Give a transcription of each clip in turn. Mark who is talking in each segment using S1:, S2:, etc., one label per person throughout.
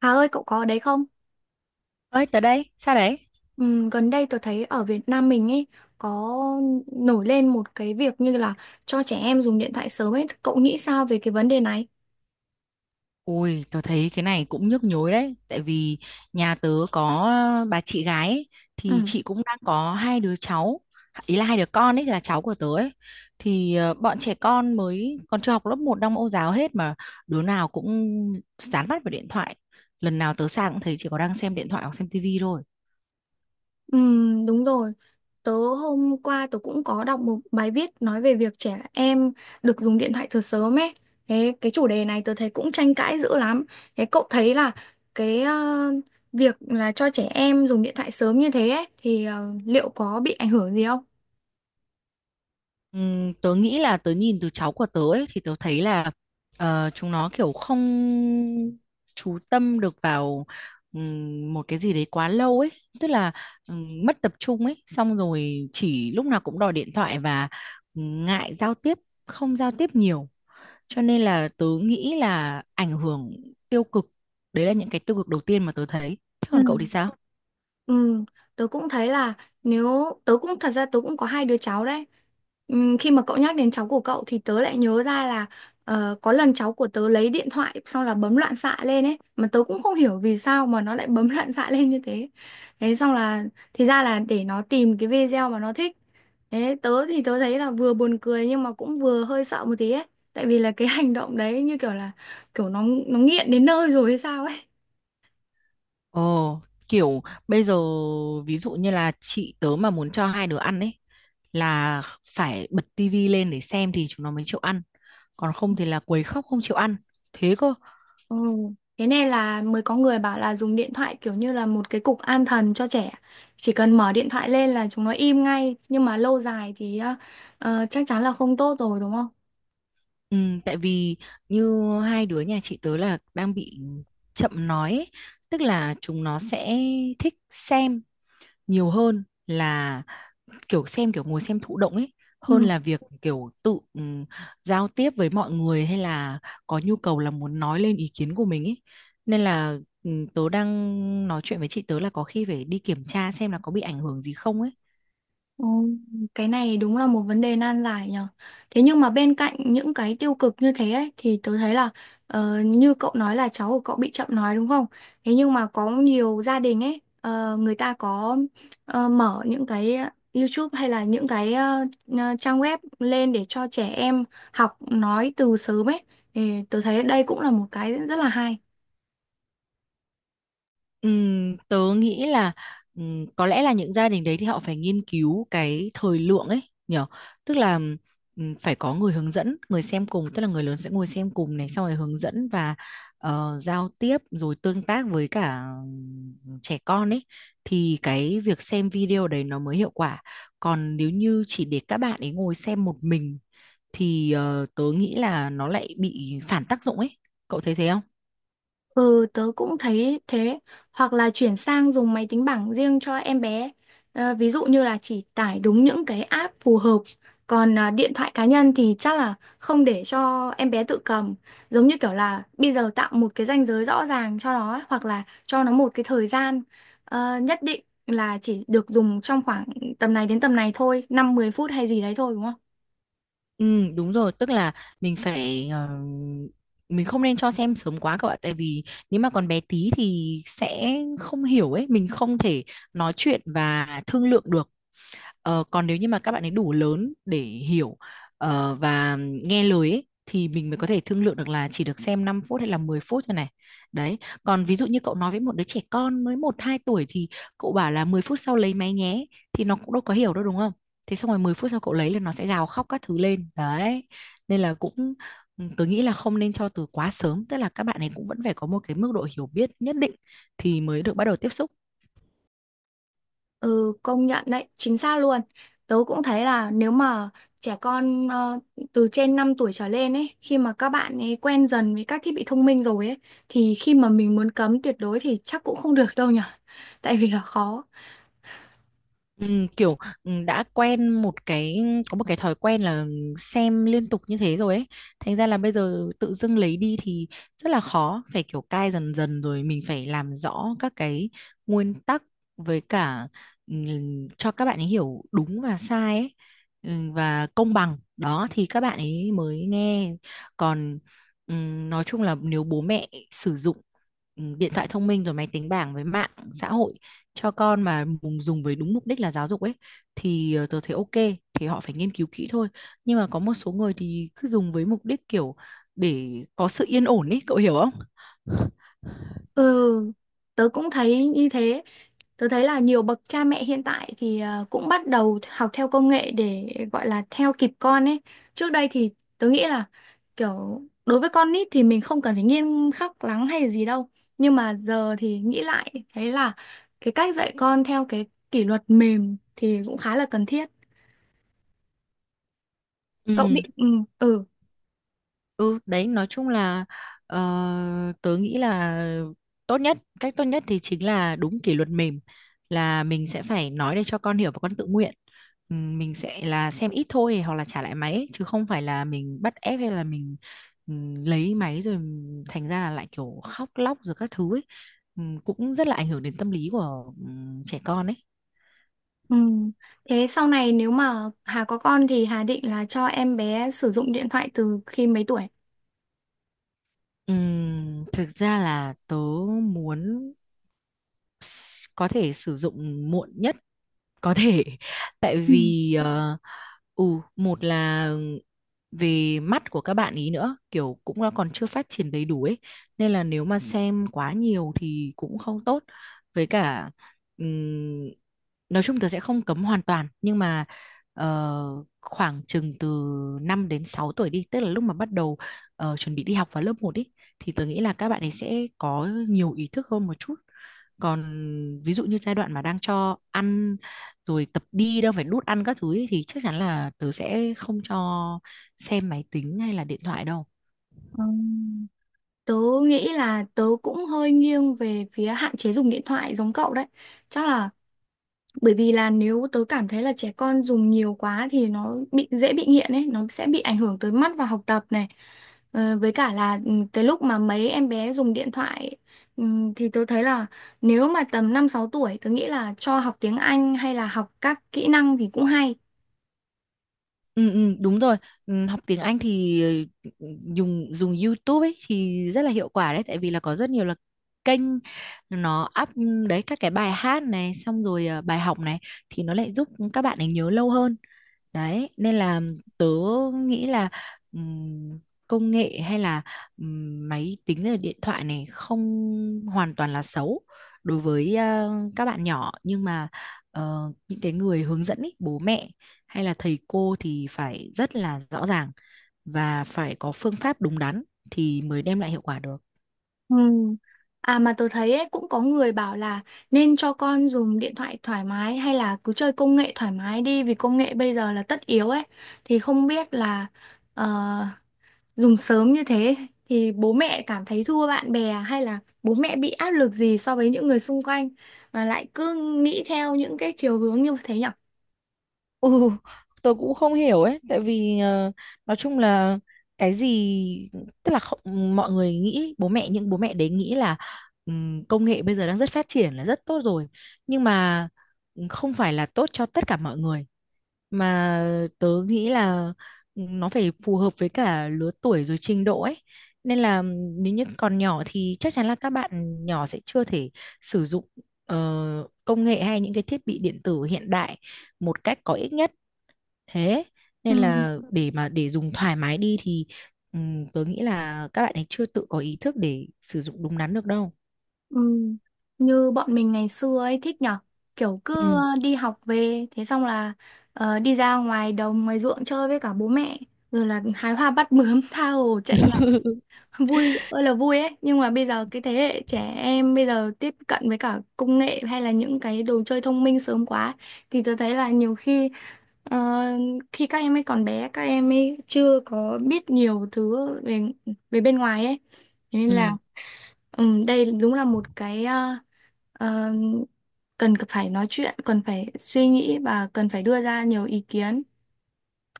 S1: Hà ơi, cậu có ở đấy không?
S2: Ơi tớ đây, sao đấy?
S1: Gần đây tôi thấy ở Việt Nam mình ấy có nổi lên một cái việc như là cho trẻ em dùng điện thoại sớm ấy. Cậu nghĩ sao về cái vấn đề này?
S2: Ui, tớ thấy cái này cũng nhức nhối đấy, tại vì nhà tớ có bà chị gái ấy, thì
S1: Ừ.
S2: chị cũng đang có hai đứa cháu, ý là hai đứa con ấy là cháu của tớ ấy. Thì bọn trẻ con mới còn chưa học lớp một, đang mẫu giáo hết, mà đứa nào cũng dán mắt vào điện thoại. Lần nào tớ sang cũng thấy chỉ có đang xem điện thoại hoặc xem tivi thôi.
S1: Đúng rồi. Tớ hôm qua tớ cũng có đọc một bài viết nói về việc trẻ em được dùng điện thoại từ sớm ấy. Thế cái chủ đề này tớ thấy cũng tranh cãi dữ lắm. Thế cậu thấy là cái việc là cho trẻ em dùng điện thoại sớm như thế ấy thì liệu có bị ảnh hưởng gì không?
S2: Tớ nghĩ là tớ nhìn từ cháu của tớ ấy, thì tớ thấy là chúng nó kiểu không chú tâm được vào một cái gì đấy quá lâu ấy, tức là mất tập trung ấy, xong rồi chỉ lúc nào cũng đòi điện thoại và ngại giao tiếp, không giao tiếp nhiều, cho nên là tớ nghĩ là ảnh hưởng tiêu cực. Đấy là những cái tiêu cực đầu tiên mà tớ thấy, thế
S1: Ừ.
S2: còn cậu thì sao?
S1: Ừ, tớ cũng thấy là nếu tớ cũng thật ra tớ cũng có hai đứa cháu đấy. Ừ, khi mà cậu nhắc đến cháu của cậu thì tớ lại nhớ ra là có lần cháu của tớ lấy điện thoại xong là bấm loạn xạ lên ấy, mà tớ cũng không hiểu vì sao mà nó lại bấm loạn xạ lên như thế. Thế xong là thì ra là để nó tìm cái video mà nó thích. Thế tớ thì tớ thấy là vừa buồn cười nhưng mà cũng vừa hơi sợ một tí ấy. Tại vì là cái hành động đấy như kiểu nó nghiện đến nơi rồi hay sao ấy.
S2: Ồ, kiểu bây giờ ví dụ như là chị tớ mà muốn cho hai đứa ăn ấy, là phải bật tivi lên để xem thì chúng nó mới chịu ăn. Còn không thì là quấy khóc không chịu ăn. Thế cơ.
S1: Ừ. Thế này là mới có người bảo là dùng điện thoại kiểu như là một cái cục an thần cho trẻ. Chỉ cần mở điện thoại lên là chúng nó im ngay. Nhưng mà lâu dài thì chắc chắn là không tốt rồi đúng không?
S2: Ừ, tại vì như hai đứa nhà chị tớ là đang bị chậm nói ấy. Tức là chúng nó sẽ thích xem nhiều hơn là kiểu xem, kiểu ngồi xem thụ động ấy, hơn
S1: Ừ.
S2: là việc kiểu tự giao tiếp với mọi người hay là có nhu cầu là muốn nói lên ý kiến của mình ấy, nên là ừ, tớ đang nói chuyện với chị tớ là có khi phải đi kiểm tra xem là có bị ảnh hưởng gì không ấy.
S1: Ồ, cái này đúng là một vấn đề nan giải nhở. Thế nhưng mà bên cạnh những cái tiêu cực như thế ấy, thì tôi thấy là như cậu nói là cháu của cậu bị chậm nói đúng không? Thế nhưng mà có nhiều gia đình ấy, người ta có mở những cái YouTube hay là những cái trang web lên để cho trẻ em học nói từ sớm ấy. Thì tôi thấy đây cũng là một cái rất là hay.
S2: Tớ nghĩ là có lẽ là những gia đình đấy thì họ phải nghiên cứu cái thời lượng ấy nhở, tức là phải có người hướng dẫn, người xem cùng, tức là người lớn sẽ ngồi xem cùng này, xong rồi hướng dẫn và giao tiếp rồi tương tác với cả trẻ con ấy, thì cái việc xem video đấy nó mới hiệu quả. Còn nếu như chỉ để các bạn ấy ngồi xem một mình thì tớ nghĩ là nó lại bị phản tác dụng ấy, cậu thấy thế không?
S1: Ừ, tớ cũng thấy thế. Hoặc là chuyển sang dùng máy tính bảng riêng cho em bé. Ví dụ như là chỉ tải đúng những cái app phù hợp. Còn à, điện thoại cá nhân thì chắc là không để cho em bé tự cầm. Giống như kiểu là bây giờ tạo một cái ranh giới rõ ràng cho nó ấy, hoặc là cho nó một cái thời gian nhất định, là chỉ được dùng trong khoảng tầm này đến tầm này thôi, 5-10 phút hay gì đấy thôi đúng không?
S2: Ừ đúng rồi, tức là mình phải mình không nên cho xem sớm quá các bạn, tại vì nếu mà còn bé tí thì sẽ không hiểu ấy, mình không thể nói chuyện và thương lượng được. Ờ, còn nếu như mà các bạn ấy đủ lớn để hiểu và nghe lời ấy, thì mình mới có thể thương lượng được là chỉ được xem 5 phút hay là 10 phút thôi này. Đấy. Còn ví dụ như cậu nói với một đứa trẻ con mới một 2 tuổi thì cậu bảo là 10 phút sau lấy máy nhé, thì nó cũng đâu có hiểu đâu đúng không? Thế xong rồi 10 phút sau cậu lấy là nó sẽ gào khóc các thứ lên. Đấy. Nên là cũng ừ, tớ nghĩ là không nên cho từ quá sớm, tức là các bạn ấy cũng vẫn phải có một cái mức độ hiểu biết nhất định thì mới được bắt đầu tiếp xúc.
S1: Ừ, công nhận đấy, chính xác luôn. Tớ cũng thấy là nếu mà trẻ con từ trên 5 tuổi trở lên ấy, khi mà các bạn ấy quen dần với các thiết bị thông minh rồi ấy, thì khi mà mình muốn cấm tuyệt đối thì chắc cũng không được đâu nhở. Tại vì là khó.
S2: Kiểu đã quen một cái, có một cái thói quen là xem liên tục như thế rồi ấy, thành ra là bây giờ tự dưng lấy đi thì rất là khó, phải kiểu cai dần dần, rồi mình phải làm rõ các cái nguyên tắc, với cả cho các bạn ấy hiểu đúng và sai ấy, và công bằng đó thì các bạn ấy mới nghe. Còn nói chung là nếu bố mẹ sử dụng điện thoại thông minh rồi máy tính bảng với mạng xã hội cho con mà dùng với đúng mục đích là giáo dục ấy, thì tớ thấy ok, thì họ phải nghiên cứu kỹ thôi. Nhưng mà có một số người thì cứ dùng với mục đích kiểu để có sự yên ổn ấy, cậu hiểu không?
S1: Ừ, tớ cũng thấy như thế. Tớ thấy là nhiều bậc cha mẹ hiện tại thì cũng bắt đầu học theo công nghệ để gọi là theo kịp con ấy. Trước đây thì tớ nghĩ là kiểu đối với con nít thì mình không cần phải nghiêm khắc lắm hay gì đâu. Nhưng mà giờ thì nghĩ lại thấy là cái cách dạy con theo cái kỷ luật mềm thì cũng khá là cần thiết. Cậu định
S2: Ừ.
S1: Ừ, ừ,
S2: Ừ đấy, nói chung là ờ, tớ nghĩ là tốt nhất, cách tốt nhất thì chính là đúng kỷ luật mềm, là mình sẽ phải nói để cho con hiểu và con tự nguyện. Mình sẽ là xem ít thôi hoặc là trả lại máy ấy, chứ không phải là mình bắt ép hay là mình lấy máy rồi thành ra là lại kiểu khóc lóc rồi các thứ ấy. Cũng rất là ảnh hưởng đến tâm lý của trẻ con ấy.
S1: ừ. Thế sau này nếu mà Hà có con thì Hà định là cho em bé sử dụng điện thoại từ khi mấy tuổi?
S2: Thực ra là tớ muốn có thể sử dụng muộn nhất có thể, tại
S1: Ừ.
S2: vì ừ, một là về mắt của các bạn ý nữa, kiểu cũng nó còn chưa phát triển đầy đủ ấy, nên là nếu mà xem quá nhiều thì cũng không tốt. Với cả ừm, nói chung tớ sẽ không cấm hoàn toàn, nhưng mà khoảng chừng từ 5 đến 6 tuổi đi, tức là lúc mà bắt đầu chuẩn bị đi học vào lớp một ý, thì tớ nghĩ là các bạn ấy sẽ có nhiều ý thức hơn một chút. Còn ví dụ như giai đoạn mà đang cho ăn rồi tập đi đâu phải nút ăn các thứ ấy, thì chắc chắn là tớ sẽ không cho xem máy tính hay là điện thoại đâu.
S1: Ờ, Tớ nghĩ là tớ cũng hơi nghiêng về phía hạn chế dùng điện thoại giống cậu đấy. Chắc là bởi vì là nếu tớ cảm thấy là trẻ con dùng nhiều quá thì nó bị dễ bị nghiện ấy, nó sẽ bị ảnh hưởng tới mắt và học tập này. Với cả là cái lúc mà mấy em bé dùng điện thoại, ừ, thì tớ thấy là nếu mà tầm 5-6 tuổi tớ nghĩ là cho học tiếng Anh hay là học các kỹ năng thì cũng hay.
S2: Ừ, ừ, đúng rồi, ừ, học tiếng Anh thì ừ, dùng dùng YouTube ấy thì rất là hiệu quả đấy, tại vì là có rất nhiều là kênh nó up ừ, đấy các cái bài hát này xong rồi bài học này, thì nó lại giúp các bạn ấy nhớ lâu hơn. Đấy, nên là tớ nghĩ là ừm, công nghệ hay là máy tính hay là điện thoại này không hoàn toàn là xấu đối với các bạn nhỏ, nhưng mà những cái người hướng dẫn ý, bố mẹ hay là thầy cô thì phải rất là rõ ràng và phải có phương pháp đúng đắn thì mới đem lại hiệu quả được.
S1: Ừ. À mà tôi thấy ấy, cũng có người bảo là nên cho con dùng điện thoại thoải mái hay là cứ chơi công nghệ thoải mái đi, vì công nghệ bây giờ là tất yếu ấy, thì không biết là ờ, dùng sớm như thế thì bố mẹ cảm thấy thua bạn bè hay là bố mẹ bị áp lực gì so với những người xung quanh mà lại cứ nghĩ theo những cái chiều hướng như thế nhở?
S2: Ừ, tôi cũng không hiểu ấy, tại vì nói chung là cái gì tức là không, mọi người nghĩ bố mẹ, những bố mẹ đấy nghĩ là công nghệ bây giờ đang rất phát triển là rất tốt rồi, nhưng mà không phải là tốt cho tất cả mọi người, mà tớ nghĩ là nó phải phù hợp với cả lứa tuổi rồi trình độ ấy. Nên là nếu như còn nhỏ thì chắc chắn là các bạn nhỏ sẽ chưa thể sử dụng ờ, công nghệ hay những cái thiết bị điện tử hiện đại một cách có ích nhất. Thế nên là để dùng thoải mái đi thì tớ nghĩ là các bạn ấy chưa tự có ý thức để sử dụng đúng đắn được đâu.
S1: Ừ. Như bọn mình ngày xưa ấy thích nhở, kiểu cứ
S2: Ừ.
S1: đi học về thế xong là đi ra ngoài đồng ngoài ruộng chơi với cả bố mẹ, rồi là hái hoa bắt bướm tha hồ chạy nhảy, vui ơi là vui ấy, nhưng mà bây giờ cái thế hệ trẻ em bây giờ tiếp cận với cả công nghệ hay là những cái đồ chơi thông minh sớm quá, thì tôi thấy là nhiều khi. Ờ, khi các em ấy còn bé, các em ấy chưa có biết nhiều thứ về về bên ngoài ấy. Thế nên là
S2: Ừ.
S1: đây đúng là một cái ờ, cần phải nói chuyện, cần phải suy nghĩ và cần phải đưa ra nhiều ý kiến.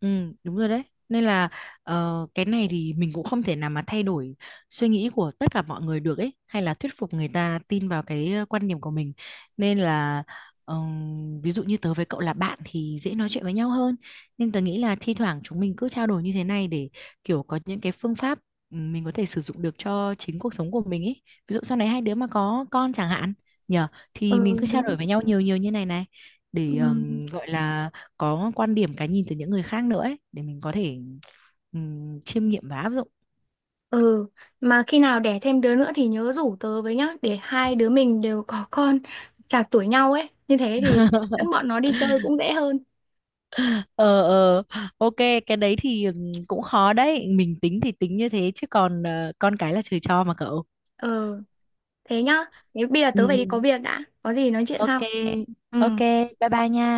S2: Ừ, đúng rồi đấy. Nên là cái này thì mình cũng không thể nào mà thay đổi suy nghĩ của tất cả mọi người được ấy, hay là thuyết phục người ta tin vào cái quan điểm của mình. Nên là ví dụ như tớ với cậu là bạn thì dễ nói chuyện với nhau hơn. Nhưng tớ nghĩ là thi thoảng chúng mình cứ trao đổi như thế này để kiểu có những cái phương pháp ừ, mình có thể sử dụng được cho chính cuộc sống của mình ấy. Ví dụ sau này hai đứa mà có con chẳng hạn, nhờ, thì
S1: Ừ,
S2: mình cứ trao
S1: đúng
S2: đổi với
S1: rồi.
S2: nhau nhiều nhiều như này này
S1: Ừ.
S2: để gọi là có quan điểm, cái nhìn từ những người khác nữa ấy, để mình có thể chiêm nghiệm và áp dụng.
S1: Ừ, mà khi nào đẻ thêm đứa nữa thì nhớ rủ tớ với nhá, để hai đứa mình đều có con chạc tuổi nhau ấy, như thế thì dẫn bọn nó đi chơi cũng dễ hơn.
S2: Ờ ờ, ok. Cái đấy thì cũng khó đấy, mình tính thì tính như thế chứ còn con cái là trời cho mà cậu.
S1: Ừ. Thế nhá. Thế bây giờ
S2: Ừ,
S1: tớ phải đi
S2: ừ.
S1: có việc đã. Có gì nói chuyện
S2: Ok.
S1: sau. Ừ.
S2: Ok, bye bye nha.